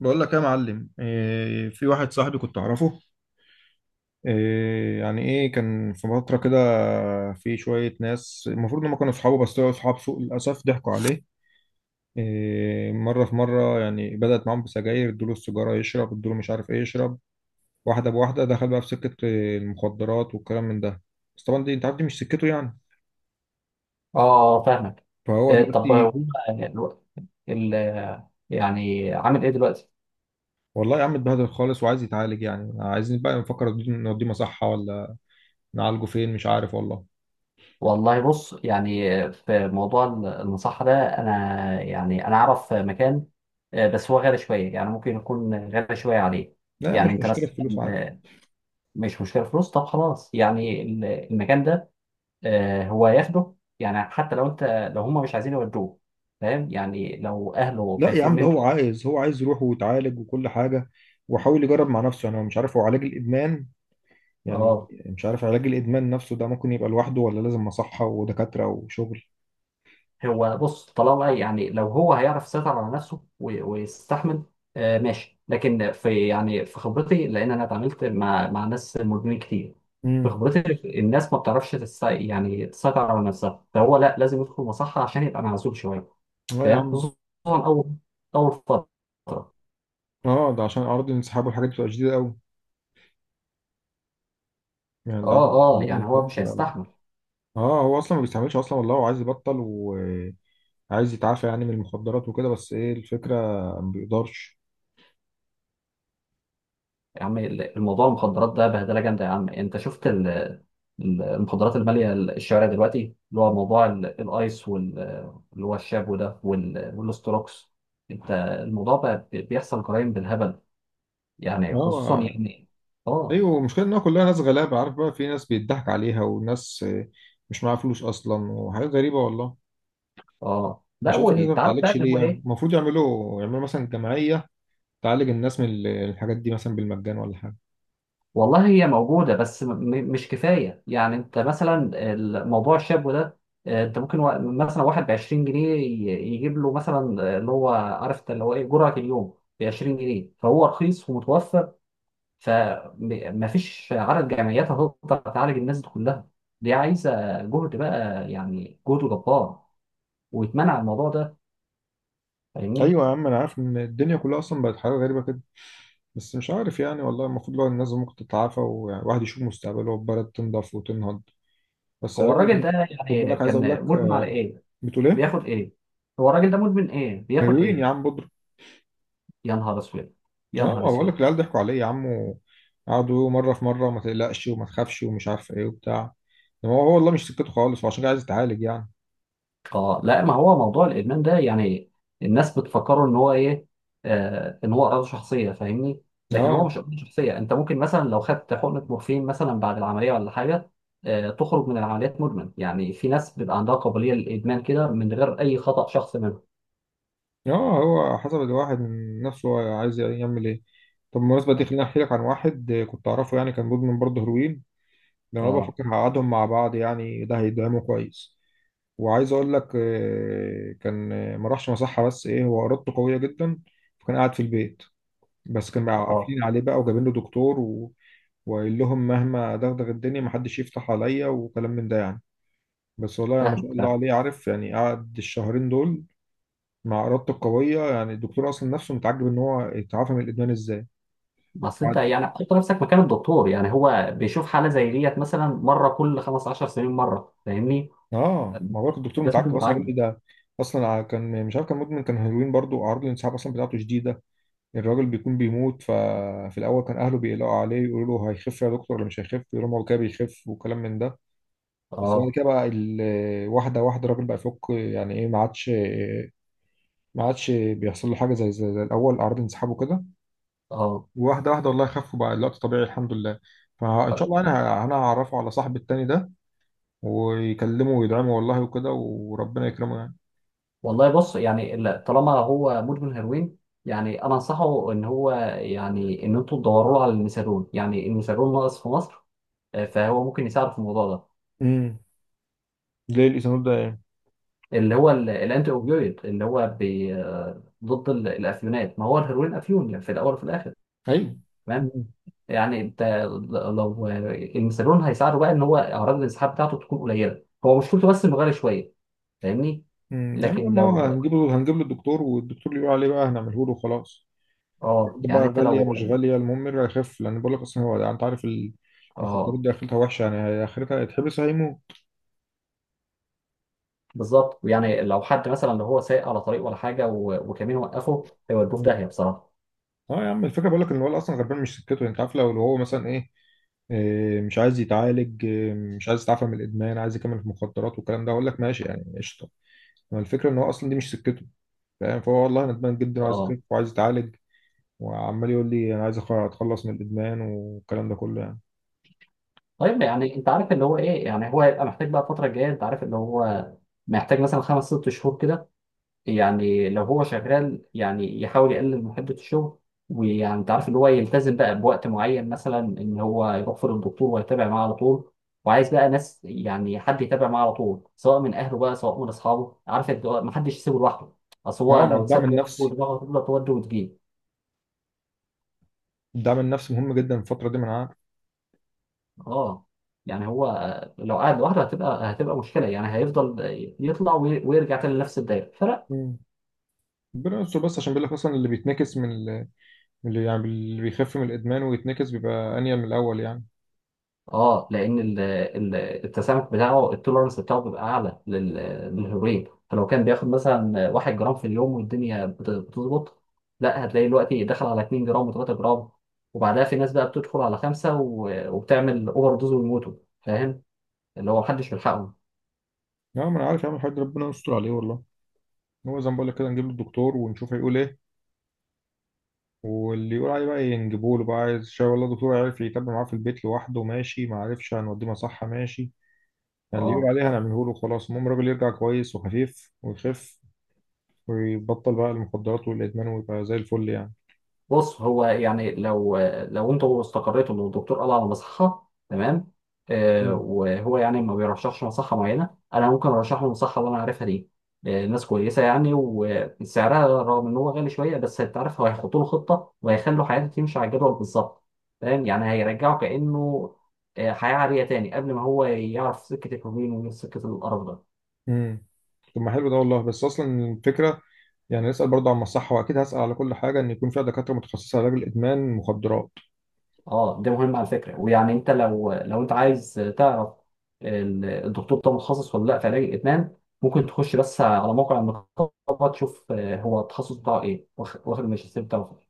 بقول لك إيه يا معلم؟ إيه، في واحد صاحبي كنت اعرفه. إيه يعني، ايه كان في فتره كده. في شويه ناس المفروض ان هم كانوا اصحابه بس طلعوا اصحاب سوء، للاسف ضحكوا عليه. إيه، مره في مره يعني بدأت معاهم بسجاير، ادوا له السيجاره يشرب، ادوا له مش عارف ايه يشرب. واحده بواحده دخل بقى في سكه إيه، المخدرات والكلام من ده. بس طبعا دي انت عارف دي مش سكته يعني. اه، فاهمك. فهو طب دلوقتي هو الو- ال يعني عامل ايه دلوقتي؟ والله يا عم اتبهدل خالص، وعايز يتعالج. يعني عايزين بقى نفكر نوديه، نوديه مصحه ولا نعالجه فين، مش عارف والله. والله بص، يعني في موضوع المصحة ده، انا اعرف مكان. بس هو غالي شوية، يعني ممكن يكون غالي شوية عليه. لا يا عم يعني مش انت مشكله مثلا، الفلوس، عادي. آه، مش مشكلة فلوس. طب خلاص، يعني المكان ده. هو هياخده، يعني حتى لو هم مش عايزين يودوه. فاهم؟ يعني لو اهله لا يا خايفين عم ده منك. هو عايز، هو عايز يروح ويتعالج وكل حاجة. وحاول يجرب مع نفسه. يعني هو مش عارف، هو علاج الإدمان يعني اه، مش عارف علاج الإدمان نفسه ده ممكن يبقى لوحده ولا لازم مصحة ودكاترة وشغل. هو بص، طالما يعني لو هو هيعرف يسيطر على نفسه ويستحمل. آه، ماشي. لكن في، يعني في خبرتي، لان انا اتعاملت مع ناس مدمنين كتير. في امم خبرتي الناس ما بتعرفش تسيطر على نفسها، فهو لا، لازم يدخل مصحة عشان يبقى معزول شوية. لا يا فاهم؟ عم. خصوصا اول اول فترة. اه، ده عشان أعراض الانسحاب والحاجات دي بتبقى شديدة قوي. يعني ده اه، عندك اه، أعراض يعني هو الانسحاب مش هيستحمل. اه. هو أصلا ما بيستعملش أصلا، والله هو عايز يبطل وعايز يتعافى يعني من المخدرات وكده، بس إيه الفكرة؟ ما بيقدرش. يا عم، الموضوع المخدرات ده بهدله جامده. يا عم انت شفت المخدرات الماليه الشوارع دلوقتي، اللي هو موضوع الايس اللي هو الشابو ده والاستروكس. انت الموضوع بقى، بيحصل جرائم بالهبل. يعني خصوصا اه، يعني، اه، ايوه، المشكله انها كلها ناس غلابه. عارف بقى، في ناس بيضحك عليها وناس مش معاها فلوس اصلا، وحاجات غريبه والله. اه، لا، مش هو عارف الناس ما انت عارف بقى بتعالجش اللي ليه؟ هو يعني ايه. المفروض يعملوا، يعملوا مثلا جمعيه تعالج الناس من الحاجات دي مثلا بالمجان ولا حاجه. والله هي موجودة، بس مش كفاية. يعني انت مثلا الموضوع الشاب ده، انت ممكن مثلا واحد ب 20 جنيه يجيب له مثلا، اللي هو عارف انت اللي هو ايه، جرعة اليوم ب 20 جنيه، فهو رخيص ومتوفر. فمفيش عدد جمعيات هتقدر تعالج الناس دي كلها. دي عايزة جهد بقى، يعني جهد جبار، ويتمنع الموضوع ده. فاهمني؟ ايوه يا عم، انا عارف ان الدنيا كلها اصلا بقت حاجه غريبه كده، بس مش عارف يعني والله. المفروض لو الناس ممكن تتعافى وواحد يشوف مستقبله والبلد تنضف وتنهض. بس هو علاج الراجل ده خد يعني بالك، عايز اقول كان لك مدمن على ايه؟ بتقول ايه؟ بياخد ايه؟ هو الراجل ده مدمن ايه؟ بياخد هيروين يا ايه؟ عم، بودرة. يا نهار اسود! اه، يا نهار ما بقول لك اسود! العيال ضحكوا عليه يا عم. قعدوا يقولوا مرة في مرة، وما تقلقش وما تخافش ومش عارف ايه وبتاع. إنما هو والله مش سكته خالص، وعشان كده عايز يتعالج يعني. اه، لا، ما هو موضوع الادمان ده يعني الناس بتفكره ان هو ايه، ان هو امراض شخصيه. فاهمني؟ لكن هو اه مش امراض شخصيه. انت ممكن مثلا لو خدت حقنه مورفين مثلا بعد العمليه ولا حاجه، تخرج من العمليات مدمن. يعني في ناس بيبقى عندها قابليه للادمان كده من غير اي خطا شخص منهم. اه. هو حسب الواحد من نفسه، هو عايز يعمل ايه. طب بالمناسبة دي خليني احكي لك عن واحد كنت اعرفه، يعني كان مدمن برضه هيروين. ده انا اه، بفكر هقعدهم مع بعض، يعني ده هيدعمه كويس. وعايز اقول لك كان ما راحش مصحة، بس ايه، هو ارادته قوية جدا. فكان قاعد في البيت، بس كانوا اه، قافلين عليه بقى وجايبين له دكتور و... وقال لهم مهما دغدغ الدنيا محدش يفتح عليا وكلام من ده يعني. بس والله يعني ما فاهم، شاء الله فاهم. عليه، عارف يعني قعد الشهرين دول مع إرادته القوية. يعني الدكتور أصلا نفسه متعجب إن هو اتعافى من الإدمان إزاي. بس انت، قعد. يعني حط نفسك مكان الدكتور، يعني هو بيشوف حاله زي ديت مثلا مره كل 15 سنين مره. فاهمني؟ آه، ما هو الدكتور لازم تكون متعجب أصلا، يقول لي متعجب. ده أصلا كان مش عارف، كان مدمن، كان هيروين برضه، أعراض الانسحاب أصلا بتاعته شديدة. الراجل بيكون بيموت. ففي الأول كان أهله بيقلقوا عليه، يقولوا له هيخف يا دكتور ولا مش هيخف، يقولوا له هو كده بيخف وكلام من ده. بس بعد اه، كده بقى واحدة واحدة الراجل بقى يفك، يعني ايه، ما عادش بيحصل له حاجة زي الأول، أعراض انسحاب وكده. اه، واحدة واحدة والله خف، وبقى الوقت طبيعي الحمد لله. فإن طيب. شاء الله أنا هعرفه على صاحب التاني ده، ويكلمه ويدعمه والله وكده، وربنا يكرمه يعني. والله بص، يعني طالما هو مدمن هيروين، يعني انا انصحه ان هو، يعني ان انتوا تدوروا له على الميثادون. يعني الميثادون ناقص في مصر، فهو ممكن يساعد في الموضوع ده. امم ليه الاسانود ده يعني؟ اللي هو الانتي اوبيويد، اللي هو بي آه، ضد الافيونات. ما هو الهيروين افيون يعني في الاول وفي الاخر. أيوه. تمام. مم. يعني انت لو، الميثادون هيساعده بقى ان هو اعراض الانسحاب بتاعته تكون قليله. هو مشكلته بس انه غالي شويه. فاهمني؟ مم. يعني لكن لما هو لو، هنجيب له، هنجيب له الدكتور، والدكتور اللي يقول عليه بقى هنعمله له خلاص. اه، دي يعني بقى انت غالية لو، مش غالية، المهم يرجع يخف، لأن بقول لك أصلا هو يعني أنت عارف المخدرات اه، دي آخرتها وحشة يعني، هي آخرتها هيتحبس هيموت. بالظبط. يعني لو حد مثلا، لو هو سايق على طريق ولا حاجه وكمين وقفه، هيودوه في مم. داهيه بصراحه. أه يا عم، الفكرة بقول لك إن الولد أصلا غلبان، مش سكته يعني. أنت عارف، لو هو مثلا إيه، مش عايز يتعالج، مش عايز يتعافى من الإدمان، عايز يكمل في المخدرات والكلام ده، أقول لك ماشي يعني، قشطة. ما الفكرة إن هو أصلا دي مش سكته، فاهم. فهو والله ندمان جدا، وعايز اه، يخف وعايز يتعالج، وعمال يقول لي أنا عايز أتخلص من الإدمان والكلام ده كله يعني. طيب. يعني انت عارف اللي هو ايه، يعني هو هيبقى محتاج بقى الفتره الجايه، انت عارف اللي هو محتاج مثلا 5 6 شهور كده. يعني لو هو شغال يعني يحاول يقلل من حدة الشغل، ويعني انت عارف اللي هو، يلتزم بقى بوقت معين مثلا ان هو يروح فيه للدكتور ويتابع معاه على طول. وعايز بقى ناس، يعني حد يتابع معاه على طول سواء من اهله بقى سواء من اصحابه. عارف انت، ما حدش يسيبه لوحده. اصل هو أه، ما لو الدعم اتساب لوحده، النفسي، دماغه هتفضل تودي وتجيب. الدعم النفسي مهم جدا في الفترة دي، من اه، يعني هو، لو قعد لوحده هتبقى مشكله. يعني هيفضل يطلع ويرجع تاني لنفس الدايره. فلا. عارف. ربنا يستر بس، عشان بيقول لك اصلا اللي بيتنكس من من اللي يعني اللي بيخف من الادمان ويتنكس بيبقى انيل من الاول يعني. اه، لان التسامح بتاعه، التولرنس بتاعه، بيبقى اعلى للهيروين. فلو كان بياخد مثلا 1 جرام في اليوم والدنيا بتظبط، لا، هتلاقي دلوقتي دخل على 2 جرام و3 جرام، وبعدها في ناس بقى بتدخل على 5 وبتعمل اوفر دوز ويموتوا. فاهم؟ اللي هو محدش بيلحقهم. لا، ما انا عارف يا عم الحاج، ربنا يستر عليه والله. هو زي ما بقول لك كده، نجيب له الدكتور ونشوف هيقول ايه، واللي يقول عليه بقى ينجبوا له بقى، عايز شاي والله، الدكتور عارف يتابع معاه في البيت لوحده ماشي، ما عرفش، هنوديه مصحة ماشي. يعني اللي يقول اه، عليه هنعمله له خلاص، المهم الراجل يرجع كويس وخفيف ويخف ويبطل بقى المخدرات والادمان، ويبقى زي الفل يعني. بص، هو يعني لو انتوا استقريتوا ان الدكتور قال على مصحه، تمام. مم. وهو يعني ما بيرشحش مصحه معينه، انا ممكن ارشح له المصحه اللي انا عارفها دي. ناس كويسه، يعني وسعرها رغم ان هو غالي شويه، بس انت عارف هو هيحطوا له خطه وهيخلوا حياته تمشي على الجدول بالظبط. فاهم؟ يعني هيرجعه كانه، حياه عاديه تاني قبل ما هو يعرف سكه الهجوم وسكه القرف ده. امم طب، ما حلو ده والله، بس اصلا الفكره يعني نسأل برضه عن الصحة، وأكيد هسأل على كل حاجة إن يكون فيها دكاترة متخصصة علاج الإدمان مخدرات. اه، ده مهم على فكره. ويعني انت لو لو انت عايز تعرف الدكتور ده متخصص ولا لا في علاج الادمان، ممكن تخش بس على موقع النقابه، تشوف هو التخصص بتاعه ايه واخد الماجستير بتاعه في إيه.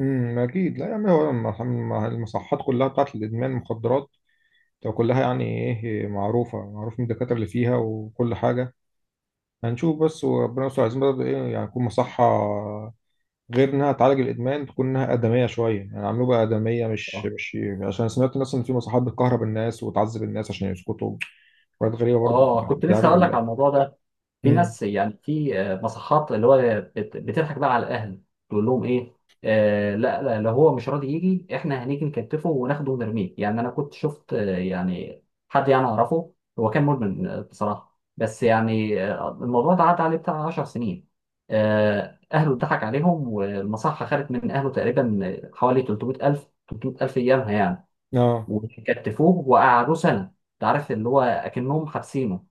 أكيد. لا، يعني هو المصحات كلها بتاعت الإدمان مخدرات تبقى كلها يعني إيه، معروفة، معروف مين الدكاترة اللي فيها وكل حاجة. هنشوف بس، وربنا يستر. عايزين برضه إيه يعني، تكون مصحة غير إنها تعالج الإدمان تكون إنها آدمية شوية يعني، عملوها بقى آدمية، اه، مش عشان سمعت الناس إن في مصحات بتكهرب الناس وتعذب الناس عشان يسكتوا، حاجات غريبة برضه. اه، كنت ده لسه حاجة هقول لك على مقلقة. الموضوع ده. في امم ناس، يعني في مصحات اللي هو بتضحك بقى على الاهل، تقول لهم ايه، لا، لا، لو هو مش راضي يجي احنا هنيجي نكتفه وناخده ونرميه. يعني انا كنت شفت، يعني حد يعني اعرفه، هو كان مدمن بصراحه، بس يعني الموضوع ده عدى عليه بتاع 10 سنين. اهله اتضحك عليهم، والمصحه خدت من اهله تقريبا حوالي 300,000 300,000 ايامها يعني. آه. وكتفوه وقعدوه سنه. انت عارف اللي هو اكنهم حابسينه.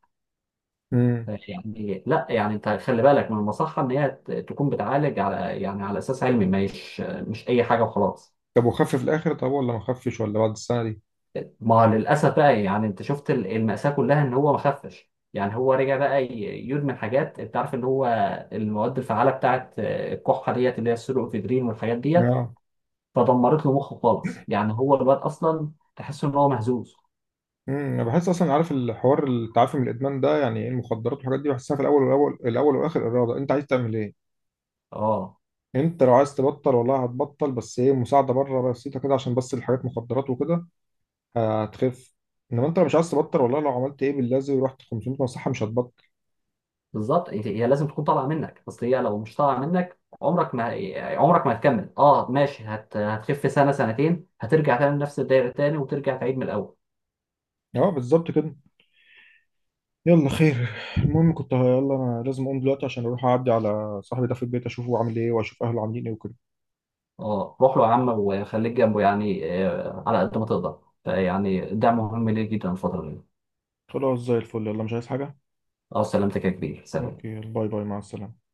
امم ماشي يعني، لا، يعني انت خلي بالك من المصحه ان هي تكون بتعالج على، يعني على اساس علمي، مش اي حاجه وخلاص. طب وخف في الاخر؟ طب ولا ما خفش ولا بعد السنه دي؟ ما للاسف بقى، يعني انت شفت المأساة كلها ان هو ما خفش. يعني هو رجع بقى يدمن حاجات، انت عارف اللي هو المواد الفعاله بتاعت الكحه ديت اللي هي السيلوكفيدرين والحاجات ديت. اه. فدمرت له مخه خالص. يعني هو الواد اصلا تحس ان هو مهزوز. انا بحس اصلا، عارف الحوار، التعافي من الادمان ده يعني ايه، المخدرات والحاجات دي بحسها في الاول والاول، الاول والاخر اراده، انت عايز تعمل ايه. اه، انت لو عايز تبطل والله هتبطل، بس ايه، مساعده بره بسيطه كده عشان بس الحاجات مخدرات وكده هتخف. انما انت لو مش عايز تبطل والله لو عملت ايه باللازم ورحت 500 مصحه مش هتبطل. بالظبط. هي لازم تكون طالعه منك. اصل هي لو مش طالعه منك، عمرك ما هتكمل. اه، ماشي، هتخف سنه سنتين، هترجع تاني لنفس الدايره تاني وترجع تعيد من الاول. اه، بالظبط كده. يلا خير، المهم كنت يلا انا لازم اقوم دلوقتي عشان اروح اعدي على صاحبي ده في البيت اشوفه عامل ايه واشوف اهله عاملين ايه وكده. اه، روح له يا عم وخليك جنبه، يعني على قد ما تقدر. فيعني ده مهم ليه جدا الفتره دي. خلاص زي الفل، يلا مش عايز حاجه. اه، سلامتك يا كبير. سلام. اوكي، باي باي، مع السلامة.